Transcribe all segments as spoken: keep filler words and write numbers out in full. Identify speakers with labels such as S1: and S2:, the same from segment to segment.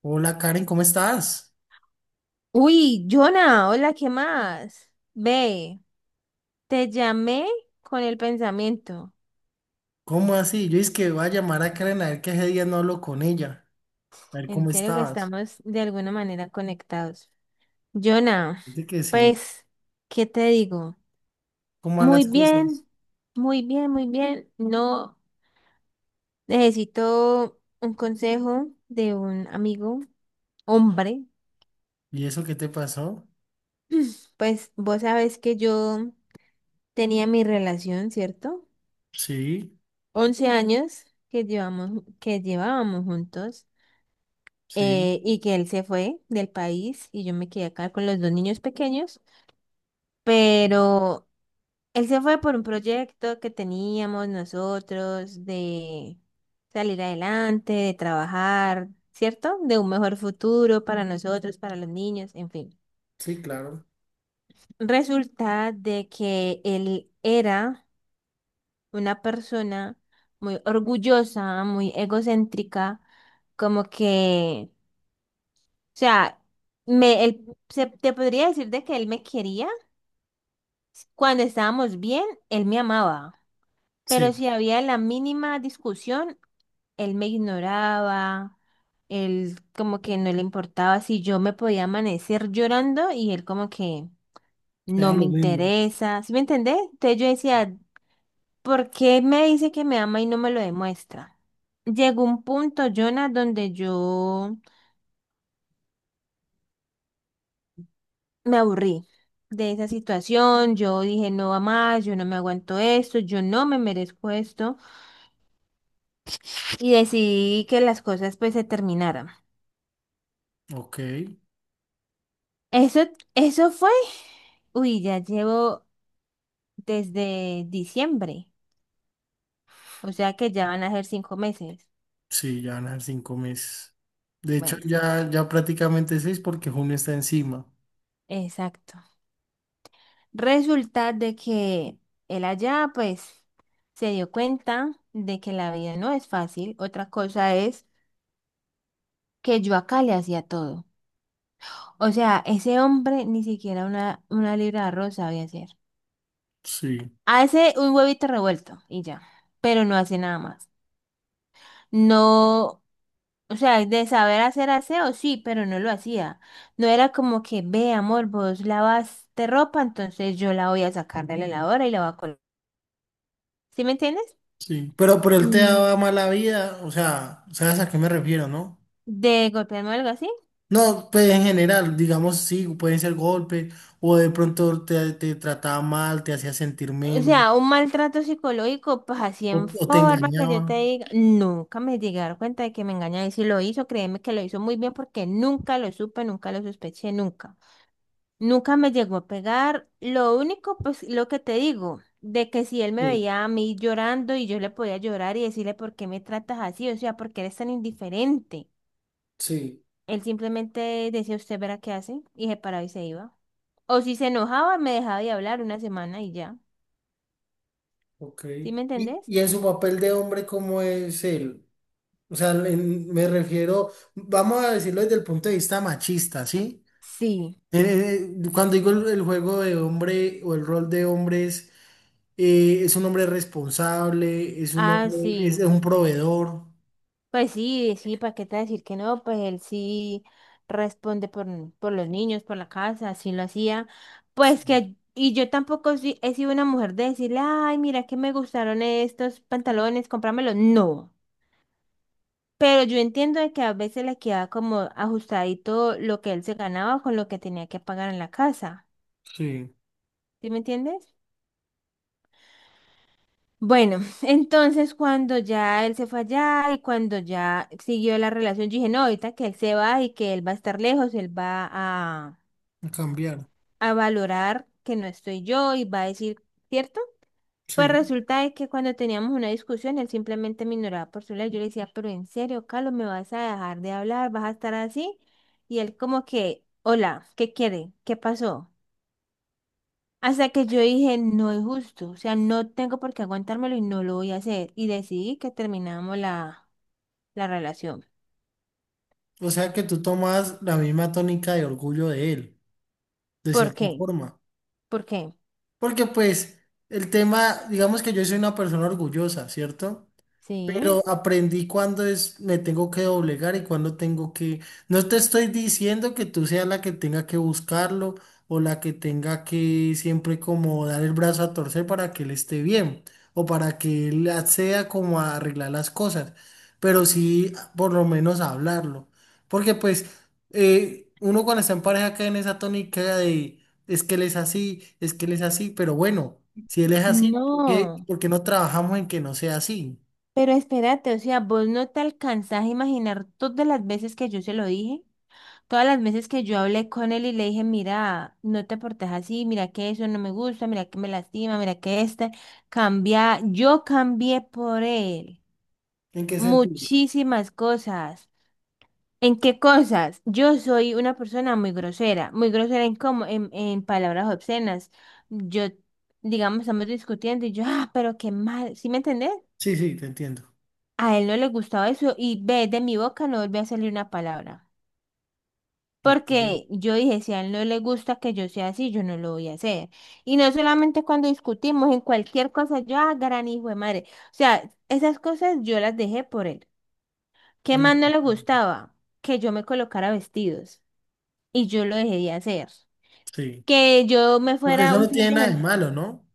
S1: Hola Karen, ¿cómo estás?
S2: Uy, Jonah, hola, ¿qué más? Ve, te llamé con el pensamiento.
S1: ¿Cómo así? Yo es que voy a llamar a Karen a ver que ese día no hablo con ella, a ver
S2: En
S1: cómo
S2: serio que
S1: estabas.
S2: estamos de alguna manera conectados. Jonah,
S1: Dice que sí,
S2: pues, ¿qué te digo?
S1: ¿cómo van
S2: Muy
S1: las cosas?
S2: bien, muy bien, muy bien. No necesito un consejo de un amigo, hombre.
S1: ¿Y eso qué te pasó?
S2: Pues vos sabes que yo tenía mi relación, ¿cierto?
S1: Sí,
S2: Once años que llevamos, que llevábamos juntos.
S1: sí,
S2: Eh, y que él se fue del país y yo me quedé acá con los dos niños pequeños, pero él se fue por un proyecto que teníamos nosotros de salir adelante, de trabajar, ¿cierto? De un mejor futuro para nosotros, para los niños, en fin.
S1: sí, claro.
S2: Resulta de que él era una persona muy orgullosa, muy egocéntrica, como que O sea, me, él, se- te podría decir de que él me quería. Cuando estábamos bien, él me amaba. Pero
S1: Sí,
S2: si había la mínima discusión, él me ignoraba. Él como que no le importaba si yo me podía amanecer llorando y él como que no
S1: ya
S2: me
S1: lo mismo.
S2: interesa. ¿Sí me entendés? Entonces yo decía, ¿por qué me dice que me ama y no me lo demuestra? Llegó un punto, Jonah, donde yo me aburrí de esa situación, yo dije no va más, yo no me aguanto esto, yo no me merezco esto y decidí que las cosas pues se terminaran.
S1: Ok,
S2: Eso, eso fue, uy, ya llevo desde diciembre, o sea que ya van a ser cinco meses.
S1: sí, ya van a ser cinco meses. De hecho,
S2: Bueno,
S1: ya, ya prácticamente seis porque junio está encima.
S2: exacto. Resulta de que él allá pues se dio cuenta de que la vida no es fácil, otra cosa es que yo acá le hacía todo. O sea, ese hombre ni siquiera una, una libra de arroz sabía hacer.
S1: Sí,
S2: Hace un huevito revuelto y ya, pero no hace nada más. No, o sea, de saber hacer aseo, sí, pero no lo hacía. No era como que, ve, amor, vos lavaste ropa, entonces yo la voy a sacar de la lavadora y la voy a colgar. ¿Sí me entiendes?
S1: sí. Pero, pero él te
S2: Mm,
S1: daba mala vida, o sea, ¿sabes a qué me refiero, no?
S2: De golpearme o algo así.
S1: No, pues en general, digamos, sí, pueden ser golpes, o de pronto te, te trataba mal, te hacía sentir
S2: O
S1: menos,
S2: sea, un maltrato psicológico, pues así
S1: o,
S2: en
S1: o te
S2: forma que yo te
S1: engañaba.
S2: diga, nunca me llegué a dar cuenta de que me engañaba. Y si lo hizo, créeme que lo hizo muy bien porque nunca lo supe, nunca lo sospeché, nunca. Nunca me llegó a pegar. Lo único, pues lo que te digo, de que si él me
S1: Sí,
S2: veía a mí llorando y yo le podía llorar y decirle, ¿por qué me tratas así? O sea, ¿por qué eres tan indiferente?
S1: sí,
S2: Él simplemente decía, usted verá qué hace y se paraba y se iba. O si se enojaba, me dejaba de hablar una semana y ya.
S1: ok.
S2: ¿Sí me
S1: ¿Y,
S2: entendés?
S1: y en su papel de hombre, cómo es él? O sea, en- me refiero, vamos a decirlo desde el punto de vista machista, ¿sí?
S2: Sí.
S1: Eh, eh, cuando digo el, el juego de hombre o el rol de hombre es, eh, es un hombre responsable, es un
S2: Ah,
S1: hombre, es
S2: sí.
S1: un proveedor.
S2: Pues sí, sí, ¿para qué te voy a decir que no? Pues él sí responde por, por los niños, por la casa, sí lo hacía. Pues
S1: Sí,
S2: que, y yo tampoco sí- he sido una mujer de decirle, ay, mira que me gustaron estos pantalones, cómpramelos. No. Pero yo entiendo de que a veces le queda como ajustadito lo que él se ganaba con lo que tenía que pagar en la casa.
S1: sí,
S2: ¿Sí me entiendes? Bueno, entonces cuando ya él se fue allá y cuando ya siguió la relación, yo dije, no, ahorita que él se va y que él va a estar lejos, él va a,
S1: a cambiar.
S2: a valorar que no estoy yo y va a decir, ¿cierto? Pues
S1: Sí,
S2: resulta de que cuando teníamos una discusión, él simplemente me ignoraba por su lado. Yo le decía, pero en serio, Carlos, ¿me vas a dejar de hablar? ¿Vas a estar así? Y él como que, hola, ¿qué quiere? ¿Qué pasó? Hasta que yo dije, no es justo, o sea, no tengo por qué aguantármelo y no lo voy a hacer. Y decidí que terminamos la, la relación.
S1: o sea que tú tomas la misma tónica de orgullo de él, de
S2: ¿Por
S1: cierta
S2: qué?
S1: forma.
S2: ¿Por qué?
S1: Porque pues el tema, digamos que yo soy una persona orgullosa, ¿cierto?
S2: Sí.
S1: Pero aprendí cuándo es, me tengo que doblegar y cuándo tengo que... No te estoy diciendo que tú seas la que tenga que buscarlo o la que tenga que siempre como dar el brazo a torcer para que él esté bien o para que él acceda como a arreglar las cosas, pero sí por lo menos hablarlo. Porque pues eh, uno cuando está en pareja cae en esa tónica de es que él es así, es que él es así, pero bueno, si él es así, ¿por qué,
S2: No,
S1: por qué no trabajamos en que no sea así?
S2: pero espérate, o sea, vos no te alcanzás a imaginar todas las veces que yo se lo dije, todas las veces que yo hablé con él y le dije, mira, no te portes así, mira que eso no me gusta, mira que me lastima, mira que este cambia, yo cambié por él,
S1: ¿En qué sentido?
S2: muchísimas cosas. ¿En qué cosas? Yo soy una persona muy grosera, muy grosera en cómo, en, en palabras obscenas. Yo, digamos, estamos discutiendo y yo, ah, pero qué mal, ¿sí me entendés?
S1: Sí, sí, te entiendo.
S2: A él no le gustaba eso y ve, de mi boca no volvió a salir una palabra.
S1: Ok. Mm,
S2: Porque yo dije, si a él no le gusta que yo sea así, yo no lo voy a hacer. Y no solamente cuando discutimos, en cualquier cosa, yo, ah, gran hijo de madre. O sea, esas cosas yo las dejé por él. ¿Qué
S1: mm,
S2: más no le
S1: mm.
S2: gustaba? Que yo me colocara vestidos. Y yo lo dejé de hacer.
S1: Sí.
S2: Que yo me
S1: Porque
S2: fuera
S1: eso
S2: un
S1: no
S2: fin
S1: tiene
S2: de
S1: nada de
S2: semana.
S1: malo, ¿no?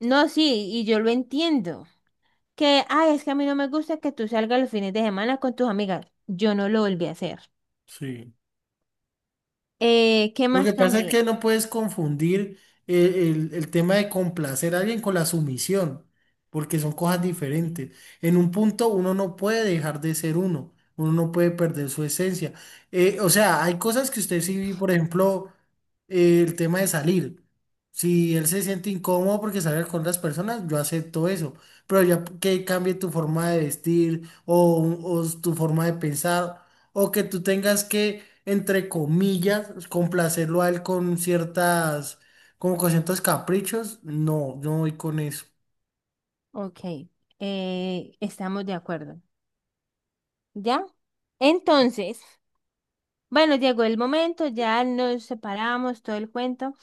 S2: No, sí, y yo lo entiendo. Que, ay, es que a mí no me gusta que tú salgas los fines de semana con tus amigas. Yo no lo volví a hacer.
S1: Sí.
S2: Eh, ¿qué
S1: Lo que
S2: más
S1: pasa es
S2: cambié?
S1: que no puedes confundir eh, el, el tema de complacer a alguien con la sumisión, porque son cosas diferentes. En un punto uno no puede dejar de ser uno, uno no puede perder su esencia. Eh, o sea, hay cosas que usted sí, por ejemplo, eh, el tema de salir. Si él se siente incómodo porque sale con otras personas, yo acepto eso. Pero ya que cambie tu forma de vestir o, o tu forma de pensar, o que tú tengas que entre comillas, complacerlo a él con ciertas, como con ciertos caprichos, no, yo no voy con eso.
S2: Ok, eh, estamos de acuerdo. ¿Ya? Entonces, bueno, llegó el momento, ya nos separamos, todo el cuento.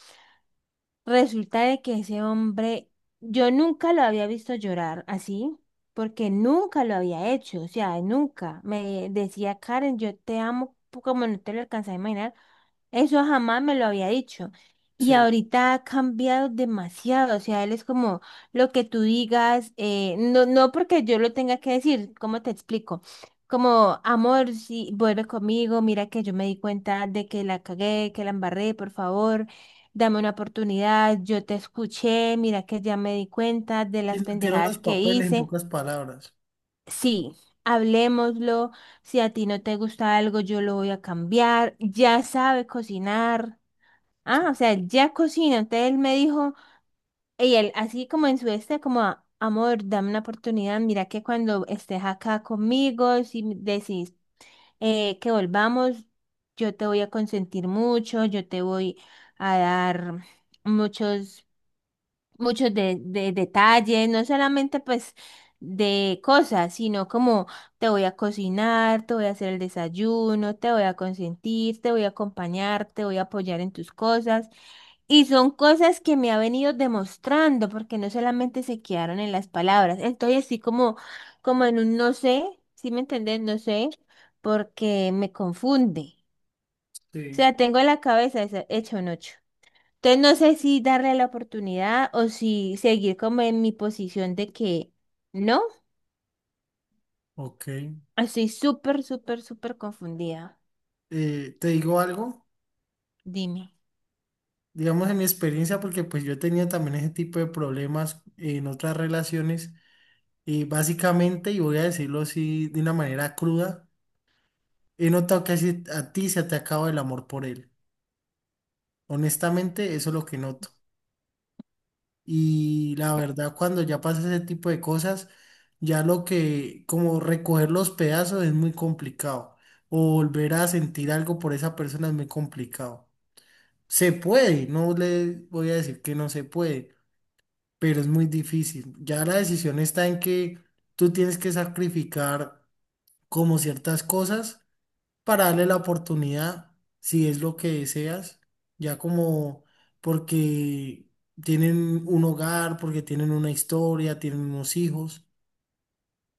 S2: Resulta de que ese hombre, yo nunca lo había visto llorar así, porque nunca lo había hecho, o sea, nunca. Me decía, Karen, yo te amo pu- como no te lo alcanzas a imaginar. Eso jamás me lo había dicho. Y
S1: Sí,
S2: ahorita ha cambiado demasiado. O sea, él es como lo que tú digas, eh, no, no porque yo lo tenga que decir, ¿cómo te explico? Como, amor, si vuelve conmigo, mira que yo me di cuenta de que la cagué, que la embarré, por favor, dame una oportunidad, yo te escuché, mira que ya me di cuenta de
S1: sí,
S2: las
S1: invirtieron los
S2: pendejadas que
S1: papeles en
S2: hice.
S1: pocas palabras.
S2: Sí, hablémoslo, si a ti no te gusta algo, yo lo voy a cambiar, ya sabe cocinar. Ah, o sea, él ya cocina. Entonces él me dijo, y él así como en su este, como, "A- amor, dame una oportunidad. Mira que cuando estés acá conmigo, si me decís eh, que volvamos, yo te voy a consentir mucho, yo te voy a dar muchos, muchos de, de detalles, no solamente pues de cosas, sino como te voy a cocinar, te voy a hacer el desayuno, te voy a consentir, te voy a acompañar, te voy a apoyar en tus cosas. Y son cosas que me ha venido demostrando, porque no solamente se quedaron en las palabras. Estoy así como, como en un no sé, ¿sí me entendés? No sé, porque me confunde. O
S1: Sí,
S2: sea, tengo la cabeza esa- hecha un ocho. Entonces no sé si darle la oportunidad o si seguir como en mi posición de que no.
S1: ok.
S2: Estoy súper, súper, súper confundida.
S1: Eh, te digo algo,
S2: Dime,
S1: digamos en mi experiencia, porque pues yo he tenido también ese tipo de problemas en otras relaciones, y básicamente, y voy a decirlo así de una manera cruda, he notado que así a ti se te acaba el amor por él. Honestamente, eso es lo que noto. Y la verdad, cuando ya pasa ese tipo de cosas, ya lo que, como recoger los pedazos es muy complicado. O volver a sentir algo por esa persona es muy complicado. Se puede, no le voy a decir que no se puede, pero es muy difícil. Ya la decisión está en que tú tienes que sacrificar como ciertas cosas para darle la oportunidad, si es lo que deseas, ya como porque tienen un hogar, porque tienen una historia, tienen unos hijos,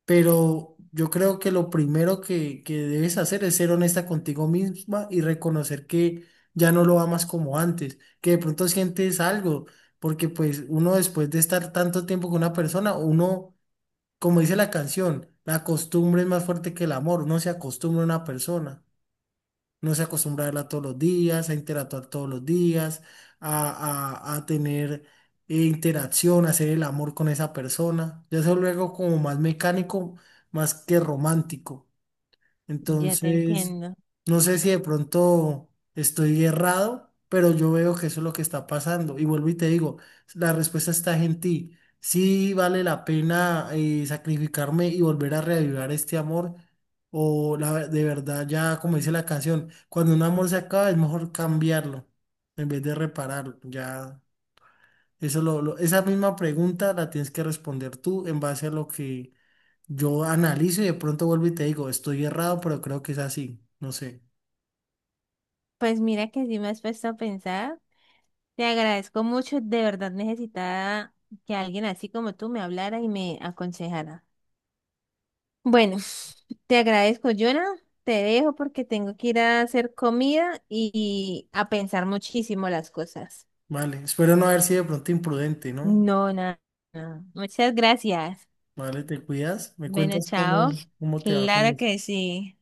S1: pero yo creo que lo primero que, que debes hacer es ser honesta contigo misma y reconocer que ya no lo amas como antes, que de pronto sientes algo, porque pues uno después de estar tanto tiempo con una persona, uno, como dice la canción, la costumbre es más fuerte que el amor, uno se acostumbra a una persona no se acostumbra a verla todos los días, a interactuar todos los días, a, a- a tener eh, interacción, a hacer el amor con esa persona. Ya eso luego como más mecánico, más que romántico.
S2: ya te
S1: Entonces,
S2: entiendo.
S1: no sé si de pronto estoy errado, pero yo veo que eso es lo que está pasando. Y vuelvo y te digo, la respuesta está en ti. Si vale la pena eh, sacrificarme y volver a reavivar este amor. O la, ve- de verdad, ya como dice la canción, cuando un amor se acaba es mejor cambiarlo en vez de repararlo. Ya, eso lo, lo- esa misma pregunta la tienes que responder tú en base a lo que yo analizo y de pronto vuelvo y te digo, estoy errado, pero creo que es así. No sé.
S2: Pues mira que sí me has puesto a pensar. Te agradezco mucho, de verdad necesitaba que alguien así como tú me hablara y me aconsejara. Bueno, te agradezco, Jonah. Te dejo porque tengo que ir a hacer comida y a pensar muchísimo las cosas.
S1: Vale, espero no haber sido de pronto imprudente, ¿no?
S2: No, nada. Nada. Muchas gracias.
S1: Vale, te cuidas. Me
S2: Bueno,
S1: cuentas
S2: chao.
S1: cómo, cómo te va con
S2: Claro
S1: eso.
S2: que sí.